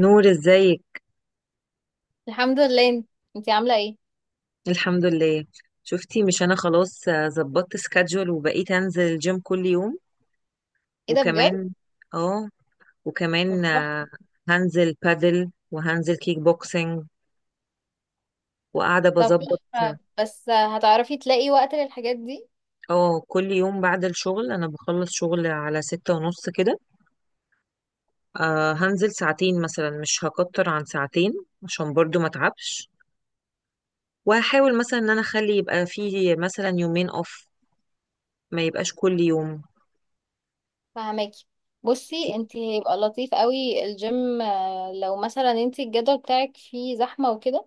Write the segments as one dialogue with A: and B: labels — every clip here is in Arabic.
A: نور ازيك؟
B: الحمد لله. انتي عاملة ايه؟
A: الحمد لله. شفتي مش انا خلاص ظبطت سكادجول وبقيت انزل الجيم كل يوم
B: ايه ده بجد؟
A: وكمان. اه،
B: طب
A: وكمان
B: تحفة.
A: هنزل بادل وهنزل كيك بوكسينج وقاعدة
B: طب
A: بظبط.
B: تحفة، بس هتعرفي تلاقي وقت للحاجات دي؟
A: اه، كل يوم بعد الشغل انا بخلص شغل على 6:30 كده. آه، هنزل ساعتين مثلا، مش هكتر عن ساعتين عشان برضو ما اتعبش. وهحاول مثلا ان انا اخلي يبقى فيه مثلا يومين اوف، ما يبقاش كل يوم.
B: فهماكي. بصي، انتي هيبقى لطيف قوي الجيم، لو مثلا انتي الجدول بتاعك فيه زحمة وكده،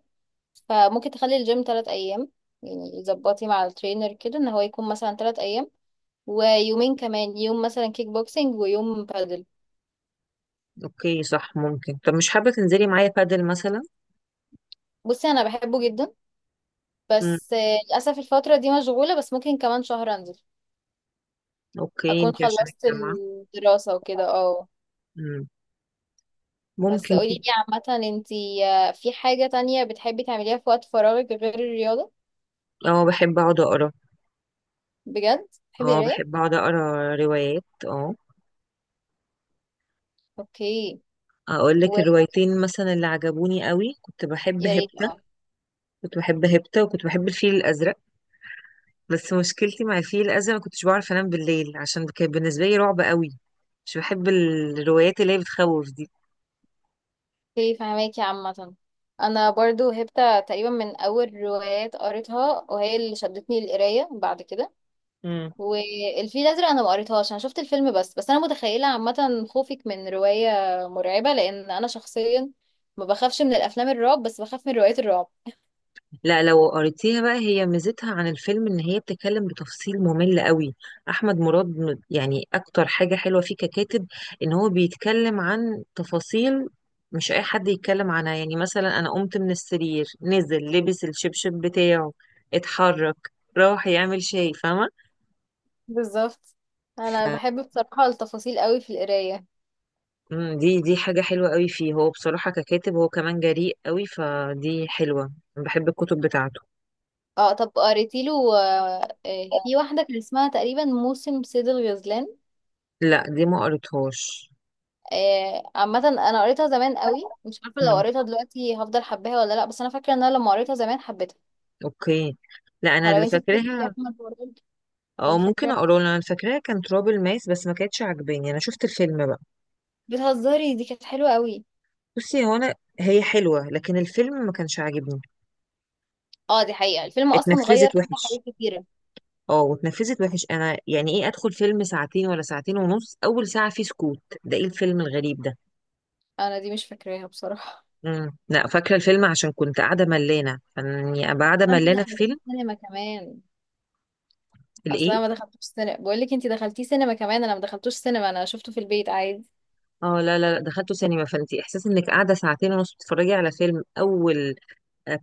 B: فممكن تخلي الجيم 3 ايام. يعني يظبطي مع الترينر كده ان هو يكون مثلا 3 ايام، ويومين كمان، يوم مثلا كيك بوكسينج ويوم بادل.
A: اوكي صح، ممكن. طب مش حابة تنزلي معايا بادل مثلا؟
B: بصي، انا بحبه جدا،
A: امم،
B: بس للأسف الفترة دي مشغولة، بس ممكن كمان شهر انزل
A: اوكي
B: اكون
A: انتي عشان
B: خلصت
A: الجامعة.
B: الدراسة وكده، اه.
A: امم،
B: بس
A: ممكن
B: قولي
A: كده.
B: لي، عامة انتي، في حاجة تانية بتحبي تعمليها في وقت فراغك غير الرياضة؟
A: اه، بحب اقعد اقرا.
B: بجد بتحبي
A: اه،
B: القراية؟
A: بحب اقعد اقرا روايات. اه،
B: اوكي.
A: اقول لك
B: ويا
A: الروايتين مثلا اللي عجبوني قوي؟ كنت بحب
B: ريت،
A: هبتة،
B: اه.
A: كنت بحب هبتة وكنت بحب الفيل الازرق. بس مشكلتي مع الفيل الازرق، ما كنتش بعرف انام بالليل عشان كان بالنسبة لي رعب قوي. مش بحب الروايات اللي هي بتخوف دي.
B: اوكي، فهماكي. عامة انا برضو هبت تقريبا من اول روايات قريتها، وهي اللي شدتني للقراية بعد كده. والفيل الازرق انا ما قريتهاش، انا شفت الفيلم بس. بس انا متخيلة عامة خوفك من رواية مرعبة، لان انا شخصيا ما بخافش من الافلام الرعب، بس بخاف من روايات الرعب.
A: لا، لو قريتيها بقى هي ميزتها عن الفيلم ان هي بتتكلم بتفصيل ممل قوي. احمد مراد يعني اكتر حاجة حلوة فيه ككاتب ان هو بيتكلم عن تفاصيل مش اي حد يتكلم عنها. يعني مثلا انا قمت من السرير، نزل لبس الشبشب بتاعه، اتحرك، راح يعمل شاي، فاهمة.
B: بالظبط. انا
A: ف-
B: بحب بصراحة التفاصيل قوي في القراية.
A: دي حاجة حلوة قوي فيه. هو بصراحة ككاتب، هو كمان جريء قوي فدي حلوة. أنا بحب الكتب بتاعته.
B: اه، طب قريتي له؟ في واحدة كان اسمها تقريبا موسم صيد الغزلان.
A: لا دي ما قريتهاش.
B: عامة انا قريتها زمان قوي، مش عارفة لو
A: مم.
B: قريتها دلوقتي هفضل حباها ولا لا، بس انا فاكرة ان انا لما قريتها زمان حبيتها.
A: اوكي. لا انا
B: فلو
A: اللي
B: انتي بتحبي يا
A: فاكراها.
B: احمد برضه.
A: او
B: اللي
A: ممكن
B: فاكرة
A: اقوله لك. انا فاكراها كان تراب الماس بس ما كانتش عاجباني، انا شفت الفيلم بقى.
B: بتهزري دي كانت حلوة قوي.
A: بصي هو انا، هي حلوه لكن الفيلم ما كانش عاجبني،
B: اه، دي حقيقة الفيلم اصلا غير
A: اتنفذت
B: فيها
A: وحش.
B: حاجات كتيرة.
A: اه، واتنفذت وحش. انا يعني ايه ادخل فيلم ساعتين ولا ساعتين ونص، اول ساعه فيه سكوت؟ ده ايه الفيلم الغريب ده؟
B: انا دي مش فاكراها بصراحة.
A: امم، لا فاكره الفيلم عشان كنت قاعده ملانه. يعني ابقى قاعده
B: انت
A: ملانه في
B: دخلتي
A: فيلم؟
B: السينما كمان؟ اصل
A: الايه؟
B: انا ما دخلتوش سينما، بقول لك انت دخلتيه سينما كمان، انا ما دخلتوش سينما، انا شفته في البيت عادي.
A: اه لا لا لا، دخلته سينما، فانت احساس انك قاعده ساعتين ونص بتتفرجي على فيلم، اول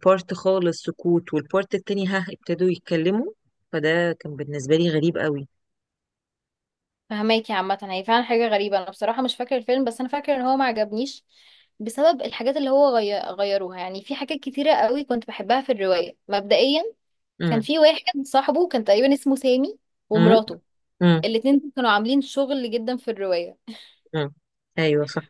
A: بارت خالص سكوت والبارت التاني ها ابتدوا يتكلموا. فده كان بالنسبة لي غريب قوي.
B: فهماكي عامه، هي فعلا حاجه غريبه، انا بصراحه مش فاكره الفيلم، بس انا فاكره ان هو ما عجبنيش بسبب الحاجات اللي هو غيروها. يعني في حاجات كتيره قوي كنت بحبها في الروايه مبدئيا. كان
A: امم.
B: في واحد صاحبه كان تقريبا اسمه سامي،
A: امم.
B: ومراته.
A: امم.
B: الاتنين دول كانوا عاملين شغل جدا في الروايه.
A: امم. ايوه صح.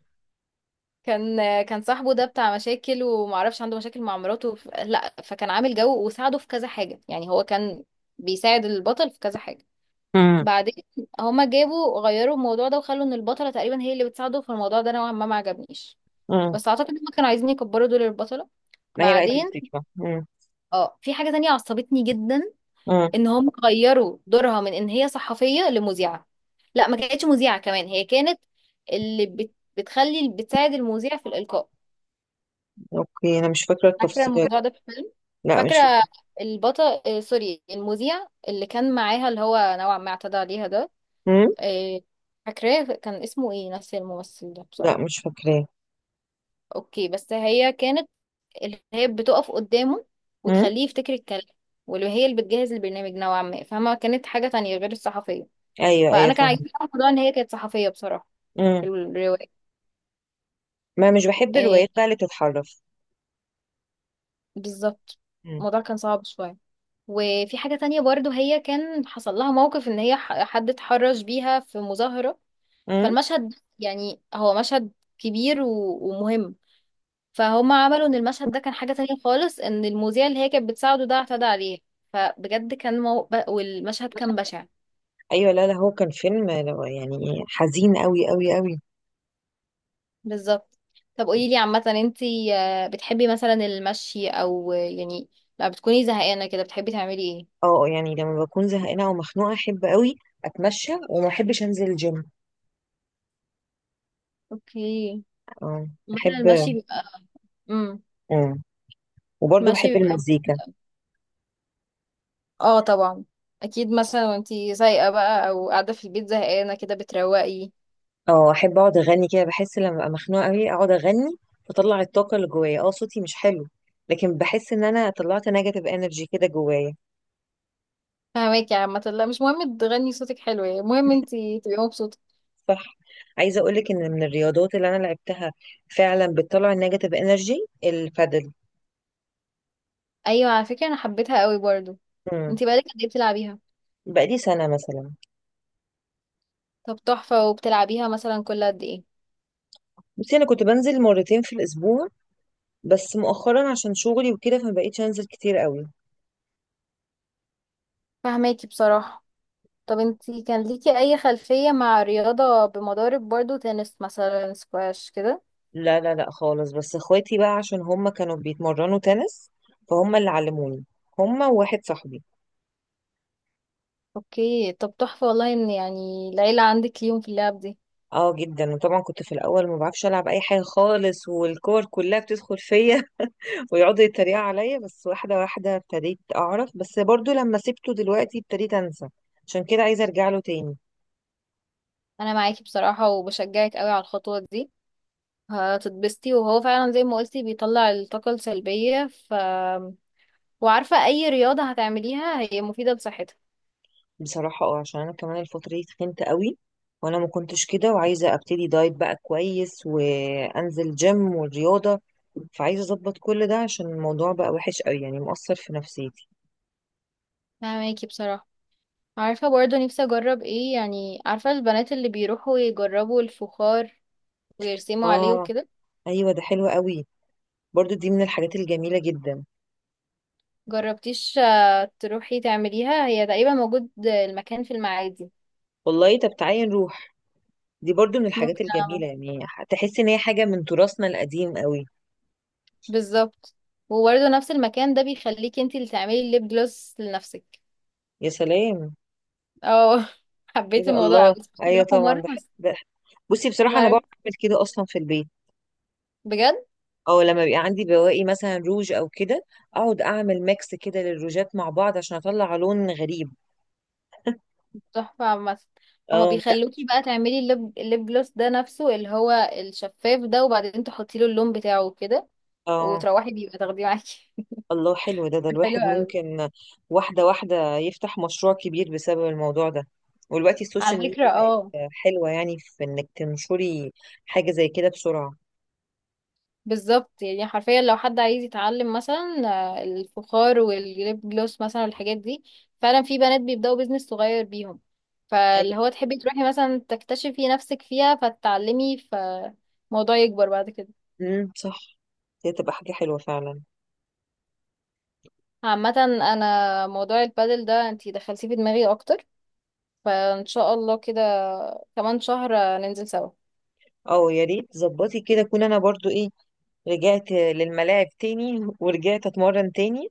B: كان كان صاحبه ده بتاع مشاكل ومعرفش، عنده مشاكل مع مراته، لا، فكان عامل جو وساعده في كذا حاجه، يعني هو كان بيساعد البطل في كذا حاجه.
A: امم.
B: بعدين هما جابوا غيروا الموضوع ده وخلوا ان البطله تقريبا هي اللي بتساعده في الموضوع ده، نوعا ما ما عجبنيش،
A: امم.
B: بس اعتقد هما كانوا عايزين يكبروا دور البطله.
A: ما هي بقى دي
B: بعدين،
A: الفكرة. امم.
B: اه، في حاجه تانية عصبتني جدا،
A: امم.
B: ان هم غيروا دورها من ان هي صحفيه لمذيعه. لا، ما كانتش مذيعه كمان، هي كانت بتخلي، بتساعد المذيع في الالقاء.
A: اوكي انا مش فاكرة
B: فاكره
A: التفصيلات.
B: الموضوع ده في الفيلم؟
A: لا مش
B: فاكره
A: فاكرة.
B: البطل، سوري، المذيع اللي كان معاها اللي هو نوعا ما اعتدى عليها ده.
A: امم.
B: إيه، فاكراه كان اسمه ايه، نفس الممثل ده
A: لا
B: بصراحة؟
A: مش فاكراه.
B: اوكي، بس هي كانت اللي هي بتقف قدامه
A: امم.
B: وتخليه يفتكر الكلام، واللي هي اللي بتجهز البرنامج نوعا ما، فما كانت حاجة تانية غير الصحفية.
A: ايوه ايوه
B: فأنا كان
A: فاهمة.
B: عاجبني أوي الموضوع، إن هي كانت صحفية بصراحة،
A: امم.
B: في الرواية.
A: ما مش بحب الروايات
B: إيه،
A: بقى اللي بتتحرف.
B: بالظبط.
A: امم.
B: الموضوع كان صعب شوية. وفي حاجة تانية برضو، هي كان حصل لها موقف إن هي حد اتحرش بيها في مظاهرة.
A: امم.
B: فالمشهد، يعني هو مشهد كبير ومهم. فهم عملوا ان المشهد ده كان حاجة تانية خالص، ان المذيع اللي هي كانت بتساعده ده اعتدى عليه. فبجد كان والمشهد كان بشع.
A: ايوه لا لا، هو كان فيلم يعني حزين قوي قوي قوي.
B: بالظبط. طب قولي لي عامة، انتي بتحبي مثلا المشي او، يعني لما بتكوني زهقانة كده بتحبي تعملي ايه؟
A: اه، يعني لما بكون زهقانة او مخنوقة، احب قوي اتمشى وما احبش انزل الجيم.
B: اوكي،
A: اه،
B: مثلا
A: احب.
B: المشي بيبقى. امم.
A: اه، وبرضه بحب
B: المشي بيبقى،
A: المزيكا.
B: اه، طبعا. اكيد، مثلا وانتي سايقة بقى او قاعدة في البيت زهقانة كده بتروقي.
A: اه، احب اقعد اغني كده. بحس لما ابقى مخنوقه قوي اقعد اغني، بطلع الطاقه اللي جوايا. اه، صوتي مش حلو لكن بحس ان انا طلعت نيجاتيف انرجي كده جوايا.
B: فهماكي يا عامة. لا، مش مهم تغني صوتك حلو، يعني المهم انتي تبقي مبسوطة.
A: صح. عايزه اقول لك ان من الرياضات اللي انا لعبتها فعلا بتطلع النيجاتيف انرجي، البادل.
B: ايوه، على فكرة انا حبيتها قوي برضو.
A: امم.
B: انتي بقالك قد ايه بتلعبيها؟
A: بقالي سنه مثلا.
B: طب تحفة، وبتلعبيها مثلا كل قد ايه؟
A: بصي انا كنت بنزل مرتين في الاسبوع، بس مؤخرا عشان شغلي وكده فما بقيتش انزل كتير قوي.
B: فهماكي بصراحة. طب انتي كان ليكي اي خلفية مع رياضة بمضارب برضو؟ تنس مثلا، سكواش كده؟
A: لا لا لا خالص، بس اخواتي بقى عشان هم كانوا بيتمرنوا تنس فهم اللي علموني، هم وواحد صاحبي.
B: اوكي، طب تحفة، والله ان يعني العيلة عندك ليهم في اللعب دي.
A: اه جدا. وطبعا كنت في الاول ما بعرفش العب اي حاجه خالص والكور كلها بتدخل فيا ويقعدوا يتريقوا عليا، بس واحده واحده ابتديت اعرف. بس برضو لما سبته دلوقتي ابتديت انسى، عشان كده عايزه ارجع له تاني.
B: انا معاكي بصراحة، وبشجعك قوي على الخطوة دي. هتتبسطي، وهو فعلا زي ما قلتي بيطلع الطاقة السلبية، وعارفة اي رياضة هتعمليها هي مفيدة لصحتك.
A: بصراحة اه، عشان انا كمان الفترة دي تخنت قوي، وانا ما كنتش كده، وعايزة ابتدي دايت بقى كويس وانزل جيم والرياضة. فعايزة اظبط كل ده، عشان الموضوع بقى وحش قوي، يعني مؤثر في نفسيتي.
B: فهماكي بصراحة. عارفة برضه نفسي أجرب ايه، يعني عارفة البنات اللي بيروحوا يجربوا الفخار ويرسموا عليه
A: اه.
B: وكده؟
A: ايوه ده حلو قوي، برضو دي من الحاجات الجميلة جدا.
B: جربتيش تروحي تعمليها؟ هي تقريبا موجود المكان في المعادي.
A: والله، طب تعالي نروح، دي برضو من الحاجات
B: ممكن أعمل.
A: الجميلة يعني. تحس ان هي حاجة من تراثنا القديم قوي.
B: بالظبط. وبرضه نفس المكان ده بيخليكي انتي اللي تعملي الليب جلوس لنفسك.
A: يا سلام.
B: اه،
A: ايه
B: حبيت
A: ده،
B: الموضوع اوي.
A: الله. ايوه
B: راحوا
A: طبعا
B: مرة
A: ده,
B: بس؟
A: ده بصي بصراحة
B: ما
A: انا بعرف
B: عرفت،
A: اعمل كده اصلا في البيت،
B: بجد؟
A: او لما بيبقى عندي بواقي مثلا روج او كده اقعد اعمل ميكس كده للروجات مع بعض عشان اطلع لون غريب.
B: تحفة عامة. هما
A: اه. لا.
B: بيخلوكي بقى تعملي الليب جلوس ده نفسه اللي هو الشفاف ده، وبعدين تحطي له اللون بتاعه كده،
A: اه.
B: وتروحي بيبقى تاخديه معاكي.
A: الله حلو ده.
B: حلو
A: الواحد
B: قوي.
A: ممكن واحده واحده يفتح مشروع كبير بسبب الموضوع ده. ودلوقتي
B: على
A: السوشيال
B: فكرة،
A: ميديا بقت
B: اه.
A: حلوه، يعني في انك تنشري حاجه زي كده بسرعه.
B: بالظبط، يعني حرفيا لو حد عايز يتعلم مثلا الفخار والليب جلوس مثلا والحاجات دي، فعلا في بنات بيبدأوا بيزنس صغير بيهم،
A: ايوه.
B: فاللي هو تحبي تروحي مثلا تكتشفي نفسك فيها فتتعلمي، فالموضوع يكبر بعد كده.
A: صح، دي تبقى حاجه حلوه فعلا.
B: عامة انا موضوع البادل ده انتي دخلتيه في دماغي اكتر، فان شاء الله كده كمان شهر ننزل سوا.
A: اه يا ريت ظبطي كده، اكون انا برضو ايه، رجعت للملاعب تاني ورجعت اتمرن تاني.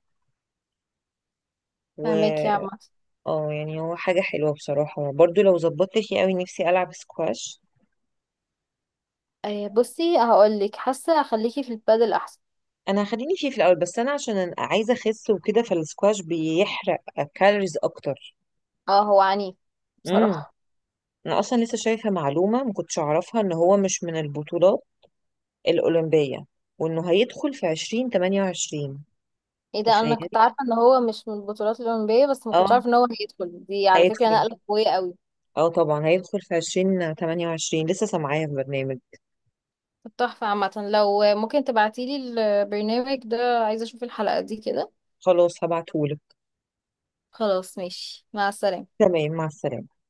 A: و
B: فهماك يا عم.
A: اه، يعني هو حاجة حلوة بصراحة. برضو لو ظبطت فيه قوي، نفسي ألعب سكواش.
B: بصي هقولك، حاسة اخليكي في البادل احسن.
A: أنا هخليني فيه في الأول، بس أنا عشان أنا عايزة أخس وكده، فالسكواش بيحرق كالوريز أكتر.
B: اه، هو عنيف
A: امم.
B: بصراحة.
A: أنا أصلا لسه شايفة معلومة ما كنتش أعرفها، إن هو مش من البطولات الأولمبية وإنه هيدخل في 2028.
B: ايه ده، انا
A: تخيلي.
B: كنت عارفة ان هو مش من البطولات الأولمبية، بس ما كنتش
A: اه
B: عارفة ان هو هيدخل. دي على فكرة
A: هيدخل.
B: نقلة قوية قوي.
A: اه طبعا هيدخل في 2028، لسه سامعاها في برنامج.
B: طب تحفة عامة، لو ممكن تبعتيلي البرنامج ده، عايزة اشوف الحلقة دي كده.
A: خلاص هبعتهولك.
B: خلاص، ماشي، مع السلامة.
A: تمام، مع السلامة.